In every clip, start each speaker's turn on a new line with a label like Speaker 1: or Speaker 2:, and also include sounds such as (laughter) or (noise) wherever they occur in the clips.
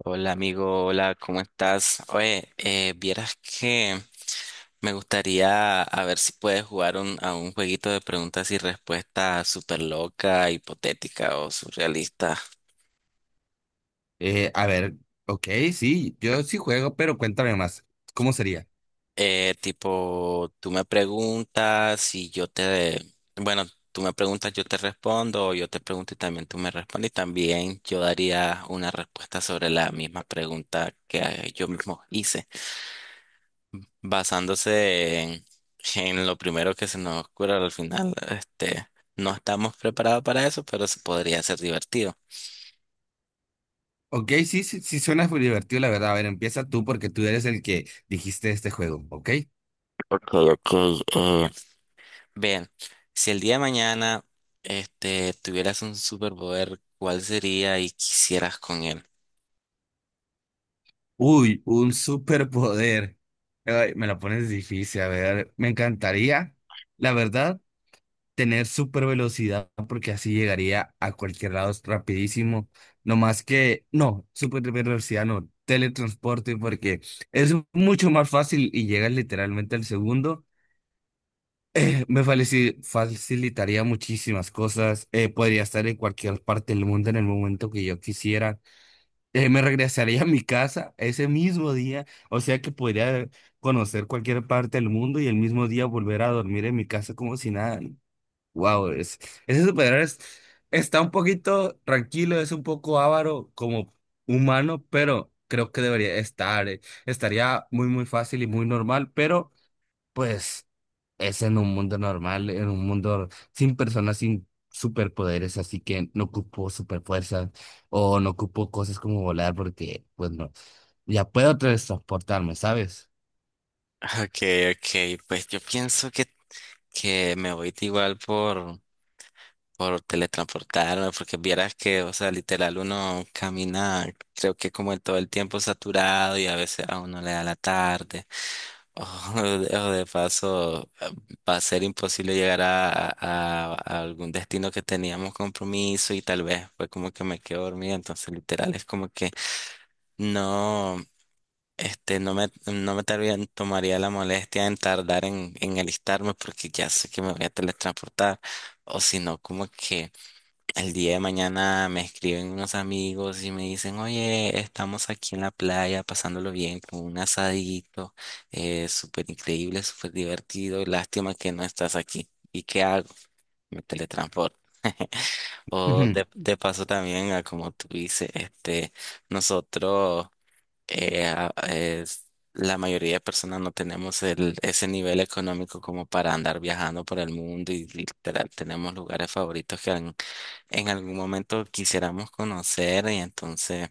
Speaker 1: Hola amigo, hola, ¿cómo estás? Oye, vieras que me gustaría a ver si puedes jugar a un jueguito de preguntas y respuestas súper loca, hipotética o surrealista.
Speaker 2: Eh, a ver, ok, sí, yo sí juego, pero cuéntame más. ¿Cómo sería?
Speaker 1: Tipo, tú me preguntas y yo te... Bueno, tú me preguntas, yo te respondo, o yo te pregunto y también tú me respondes y también yo daría una respuesta sobre la misma pregunta que yo mismo hice. Basándose en, en lo primero que se nos ocurre al final, no estamos preparados para eso, pero se podría ser divertido.
Speaker 2: Ok, sí, sí, sí suena muy divertido, la verdad. A ver, empieza tú porque tú eres el que dijiste este juego, ¿ok?
Speaker 1: Ok, ok. eh, Bien, si el día de mañana, este, tuvieras un superpoder, ¿cuál sería y quisieras con él?
Speaker 2: Uy, un superpoder. Ay, me lo pones difícil, a ver, me encantaría, la verdad, tener super velocidad porque así llegaría a cualquier lado rapidísimo. No más que, no, super velocidad no, teletransporte porque es mucho más fácil y llegas literalmente al segundo. Facilitaría muchísimas cosas. Podría estar en cualquier parte del mundo en el momento que yo quisiera. Me regresaría a mi casa ese mismo día. O sea que podría conocer cualquier parte del mundo y el mismo día volver a dormir en mi casa como si nada. Wow, es, ese superhéroe es- está un poquito tranquilo, es un poco avaro como humano, pero creo que debería estar. Estaría muy, muy fácil y muy normal, pero. Pues es en un mundo normal, en un mundo sin personas, sin superpoderes, así que no ocupo superfuerzas o no ocupo cosas como volar porque, pues no, ya puedo transportarme, ¿sabes?
Speaker 1: (laughs) Ok, ok, pues yo pienso que me voy igual por teletransportarme, porque vieras que, o sea, literal uno camina, creo que como en todo el tiempo saturado y a veces a uno le da la tarde, (laughs) o de paso va a ser imposible llegar a algún destino que teníamos compromiso y tal vez fue como que me quedo dormida, entonces literal es como que no. Este, no me tardaría- tomaría la molestia en tardar en alistarme porque ya sé que me voy a teletransportar. O si no, como que el día de mañana me escriben unos amigos y me dicen, oye, estamos aquí en la playa pasándolo bien con un asadito, súper increíble, súper divertido, lástima que no estás aquí. ¿Y qué hago? Me teletransporto. O
Speaker 2: Ujú.
Speaker 1: de paso también, a como tú dices, nosotros, eh, a- es- la mayoría de personas no tenemos el, ese nivel económico como para andar viajando por el mundo y literal tenemos lugares favoritos en algún momento quisiéramos conocer y entonces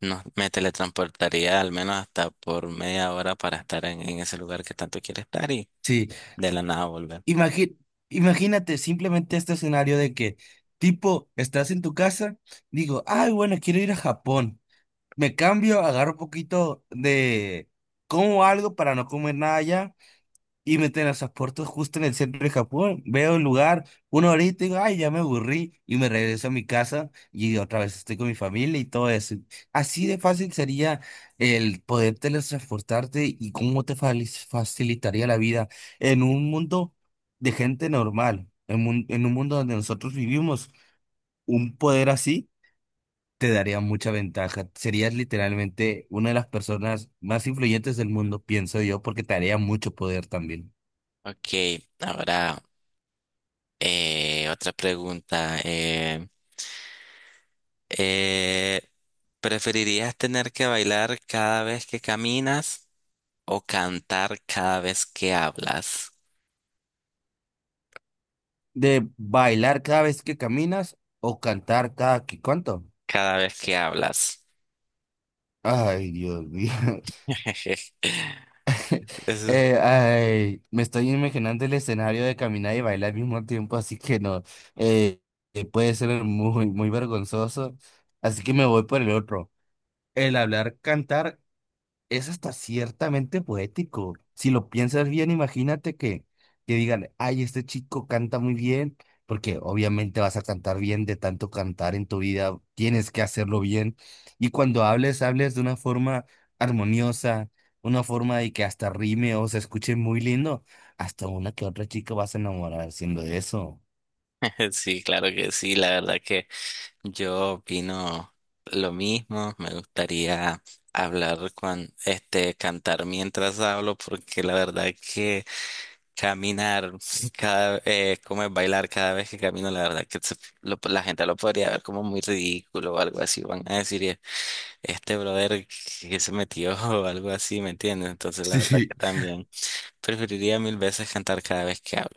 Speaker 1: me teletransportaría al menos hasta por media hora para estar en ese lugar que tanto quiero estar y
Speaker 2: Sí.
Speaker 1: de la nada volver.
Speaker 2: Imagi- Imagínate simplemente este escenario de que, tipo, estás en tu casa, digo, ay, bueno, quiero ir a Japón. Me cambio, agarro un poquito de, como algo para no comer nada allá y me teletransporto justo en el centro de Japón. Veo el lugar, una horita y digo, ay, ya me aburrí. Y me regreso a mi casa y otra vez estoy con mi familia y todo eso. Así de fácil sería el poder teletransportarte y cómo facilitaría la vida en un mundo de gente normal, en un mundo donde nosotros vivimos. Un poder así te daría mucha ventaja. Serías literalmente una de las personas más influyentes del mundo, pienso yo, porque te daría mucho poder también.
Speaker 1: Ok, ahora otra pregunta. Eh, ¿Preferirías tener que bailar cada vez que caminas o cantar cada vez que hablas?
Speaker 2: ¿De bailar cada vez que caminas o cantar cada que cuánto?
Speaker 1: Cada vez que hablas.
Speaker 2: Ay, Dios mío. (laughs)
Speaker 1: (laughs) Eso es...
Speaker 2: Ay, me estoy imaginando el escenario de caminar y bailar al mismo tiempo, así que no. Eh, Puede ser muy, muy vergonzoso. Así que me voy por el otro. El hablar, cantar es hasta ciertamente poético. Si lo piensas bien, imagínate que digan, ay, este chico canta muy bien, porque obviamente vas a cantar bien de tanto cantar en tu vida, tienes que hacerlo bien. Y cuando hables, hables de una forma armoniosa, una forma de que hasta rime o se escuche muy lindo. Hasta una que otra chica vas a enamorar haciendo eso.
Speaker 1: (laughs) Sí, claro que sí, la verdad que... Yo opino lo mismo, me gustaría hablar con este cantar mientras hablo porque la verdad que caminar (laughs) cada como es bailar cada vez que camino la verdad que la gente lo podría ver como muy ridículo o algo así van a decir este brother que se metió" (laughs) o algo así, ¿me entiendes? Entonces la verdad que
Speaker 2: (laughs) Sí.
Speaker 1: también preferiría mil veces cantar cada vez que hablo.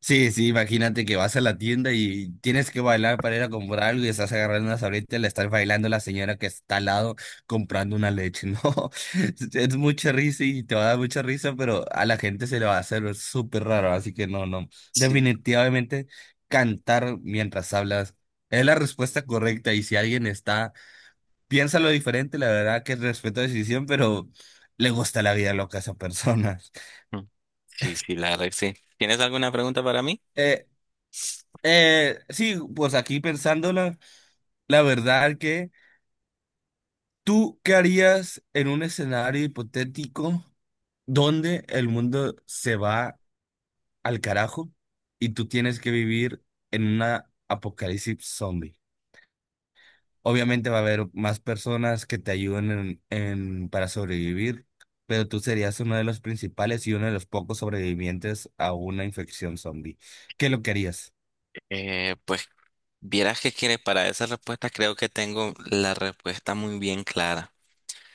Speaker 2: Sí, sí, imagínate que vas a la tienda y tienes que bailar para ir a comprar algo y estás agarrando una sabrita y le estás bailando a la señora que está al lado comprando una leche. (laughs) No, es mucha risa y te va a dar mucha risa, pero a la gente se le va a hacer súper raro, así que no, no.
Speaker 1: Sí.
Speaker 2: Definitivamente cantar mientras hablas es la respuesta correcta y si alguien está, piensa lo diferente, la verdad que respeto la decisión, pero le gusta la vida loca a esa persona. (laughs)
Speaker 1: Mm, sí, sí, la verdad que sí. ¿Tienes alguna pregunta para mí?
Speaker 2: Eh, sí, pues aquí pensándola. La verdad que tú, ¿qué harías en un escenario hipotético donde el mundo se va al carajo y tú tienes que vivir en una apocalipsis zombie? Obviamente va a haber más personas que te ayuden para sobrevivir, pero tú serías uno de los principales y uno de los pocos sobrevivientes a una infección zombie. ¿Qué es lo que harías?
Speaker 1: Pues vieras que quiere para esa respuesta creo que tengo la respuesta muy bien clara.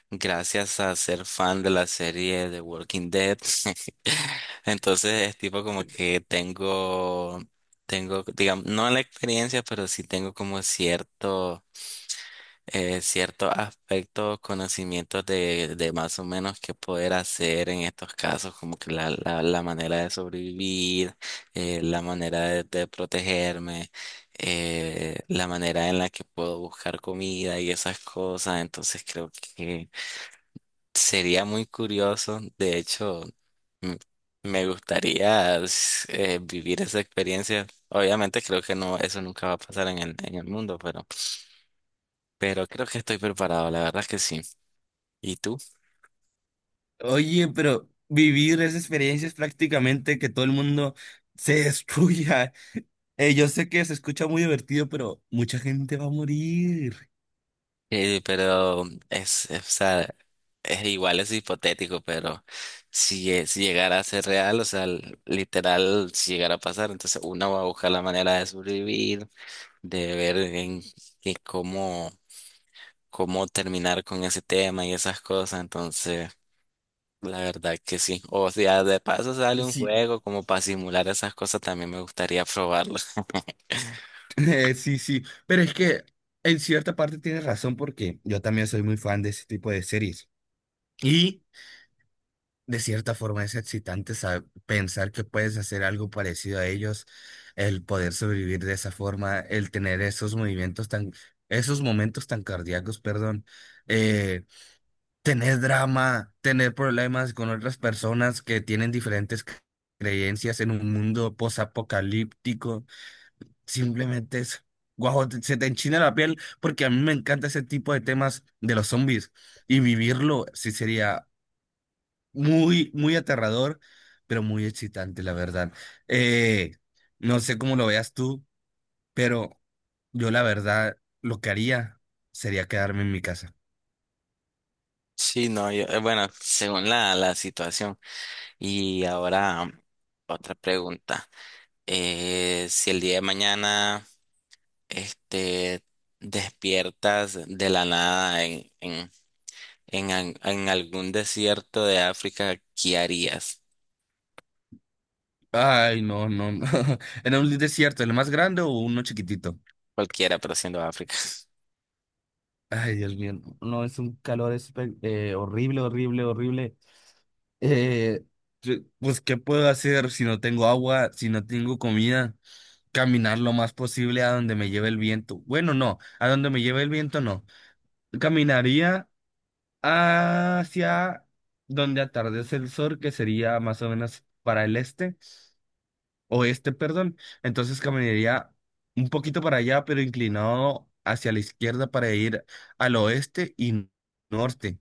Speaker 1: Gracias a ser fan de la serie de Walking Dead. (laughs) Entonces es tipo como que tengo, tengo, digamos, no la experiencia, pero sí tengo como cierto ciertos aspectos, conocimientos de más o menos qué poder hacer en estos casos, como que la manera de sobrevivir, la manera de protegerme, la manera en la que puedo buscar comida y esas cosas. Entonces creo que sería muy curioso. De hecho, m- me gustaría vivir esa experiencia. Obviamente creo que no, eso nunca va a pasar en el mundo, pero creo que estoy preparado, la verdad que sí. ¿Y tú?
Speaker 2: Oye, pero vivir esa experiencia es prácticamente que todo el mundo se (laughs) destruya. Yo sé que se escucha muy divertido, pero mucha gente va a morir.
Speaker 1: Pero o sea, es igual, es hipotético, pero si llegara a ser real, o sea, literal, si llegara a pasar, entonces uno va a buscar la manera de sobrevivir, de ver en cómo, cómo terminar con ese tema y esas cosas, entonces, la verdad que sí. O sea, de paso sale un
Speaker 2: Sí.
Speaker 1: juego como para simular esas cosas, también me gustaría probarlo. (laughs)
Speaker 2: (laughs) Sí, sí, pero es que en cierta parte tienes razón porque yo también soy muy fan de ese tipo de series. Y de cierta forma es excitante pensar que puedes hacer algo parecido a ellos, el poder sobrevivir de esa forma, el tener esos movimientos tan, esos momentos tan cardíacos, perdón. Tener drama, tener problemas con otras personas que tienen diferentes creencias en un mundo posapocalíptico, simplemente es, guau, se te enchina la piel porque a mí me encanta ese tipo de temas de los zombies y vivirlo sí sería muy, muy aterrador, pero muy excitante, la verdad. Eh, no sé cómo lo veas tú, pero yo la verdad lo que haría sería quedarme en mi casa.
Speaker 1: Sí, no, yo, bueno, según la situación. Y ahora otra pregunta. Si el día de mañana este, despiertas de la nada en algún desierto de África, ¿qué harías?
Speaker 2: Ay, no, no, no. (laughs) ¿Era un desierto, el más grande o uno chiquitito?
Speaker 1: Cualquiera, pero siendo África.
Speaker 2: Ay, Dios mío. No, no, es un calor horrible, horrible, horrible. Eh, pues, ¿qué puedo hacer si no tengo agua, si no tengo comida? Caminar lo más posible a donde me lleve el viento. Bueno, no, a donde me lleve el viento no. Caminaría hacia donde atardece el sol, que sería más o menos para el este. Oeste, perdón. Entonces caminaría un poquito para allá, pero inclinado hacia la izquierda para ir al oeste y norte.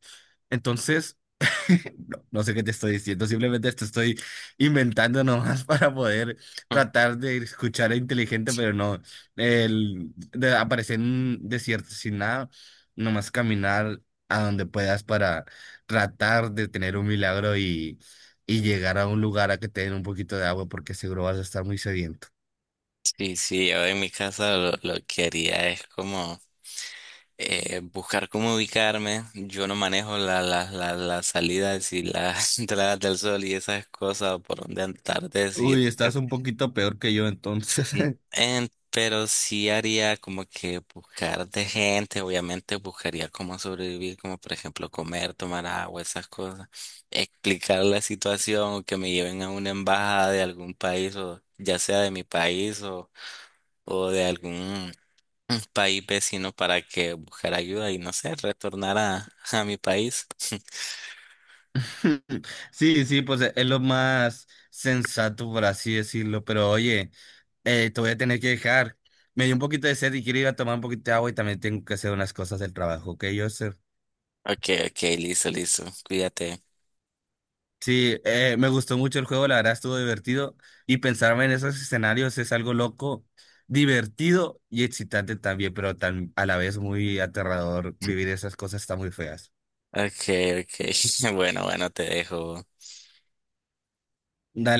Speaker 2: Entonces… (laughs) No, no sé qué te estoy diciendo, simplemente te estoy inventando nomás (laughs) para poder
Speaker 1: (laughs)
Speaker 2: tratar de escuchar inteligente, pero no, de aparecer en un desierto sin nada, nomás caminar a donde puedas para tratar de tener un milagro y llegar a un lugar a que te den un poquito de agua porque seguro vas a estar muy sediento.
Speaker 1: Sí, sí, yo en mi casa lo que haría es como buscar cómo ubicarme. Yo no manejo las salidas y las (laughs) entradas del sol y esas cosas, o por dónde andar, decir.
Speaker 2: Uy, estás un poquito peor que yo entonces.
Speaker 1: Sí,
Speaker 2: (laughs)
Speaker 1: pero sí haría como que buscar de gente, obviamente buscaría cómo sobrevivir, como por ejemplo comer, tomar agua, esas cosas, explicar la situación o que me lleven a una embajada de algún país o ya sea de mi país o de algún país vecino para que buscar ayuda y no sé, retornar a mi país. (laughs)
Speaker 2: (laughs) Sí, sí, pues es lo más sensato, por así decirlo. Pero oye, te voy a tener que dejar. Me dio un poquito de sed y quiero ir a tomar un poquito de agua y también tengo que hacer unas cosas del trabajo, ¿ok, Joseph?
Speaker 1: Ok, ok, listo, listo, cuídate.
Speaker 2: Sí, me gustó mucho el juego, la verdad estuvo divertido y pensarme en esos escenarios es algo loco, divertido y excitante también, pero tan, a la vez muy aterrador. Vivir esas cosas está muy feas.
Speaker 1: Ok, ok, (laughs) bueno, bueno, te dejo.
Speaker 2: Dale.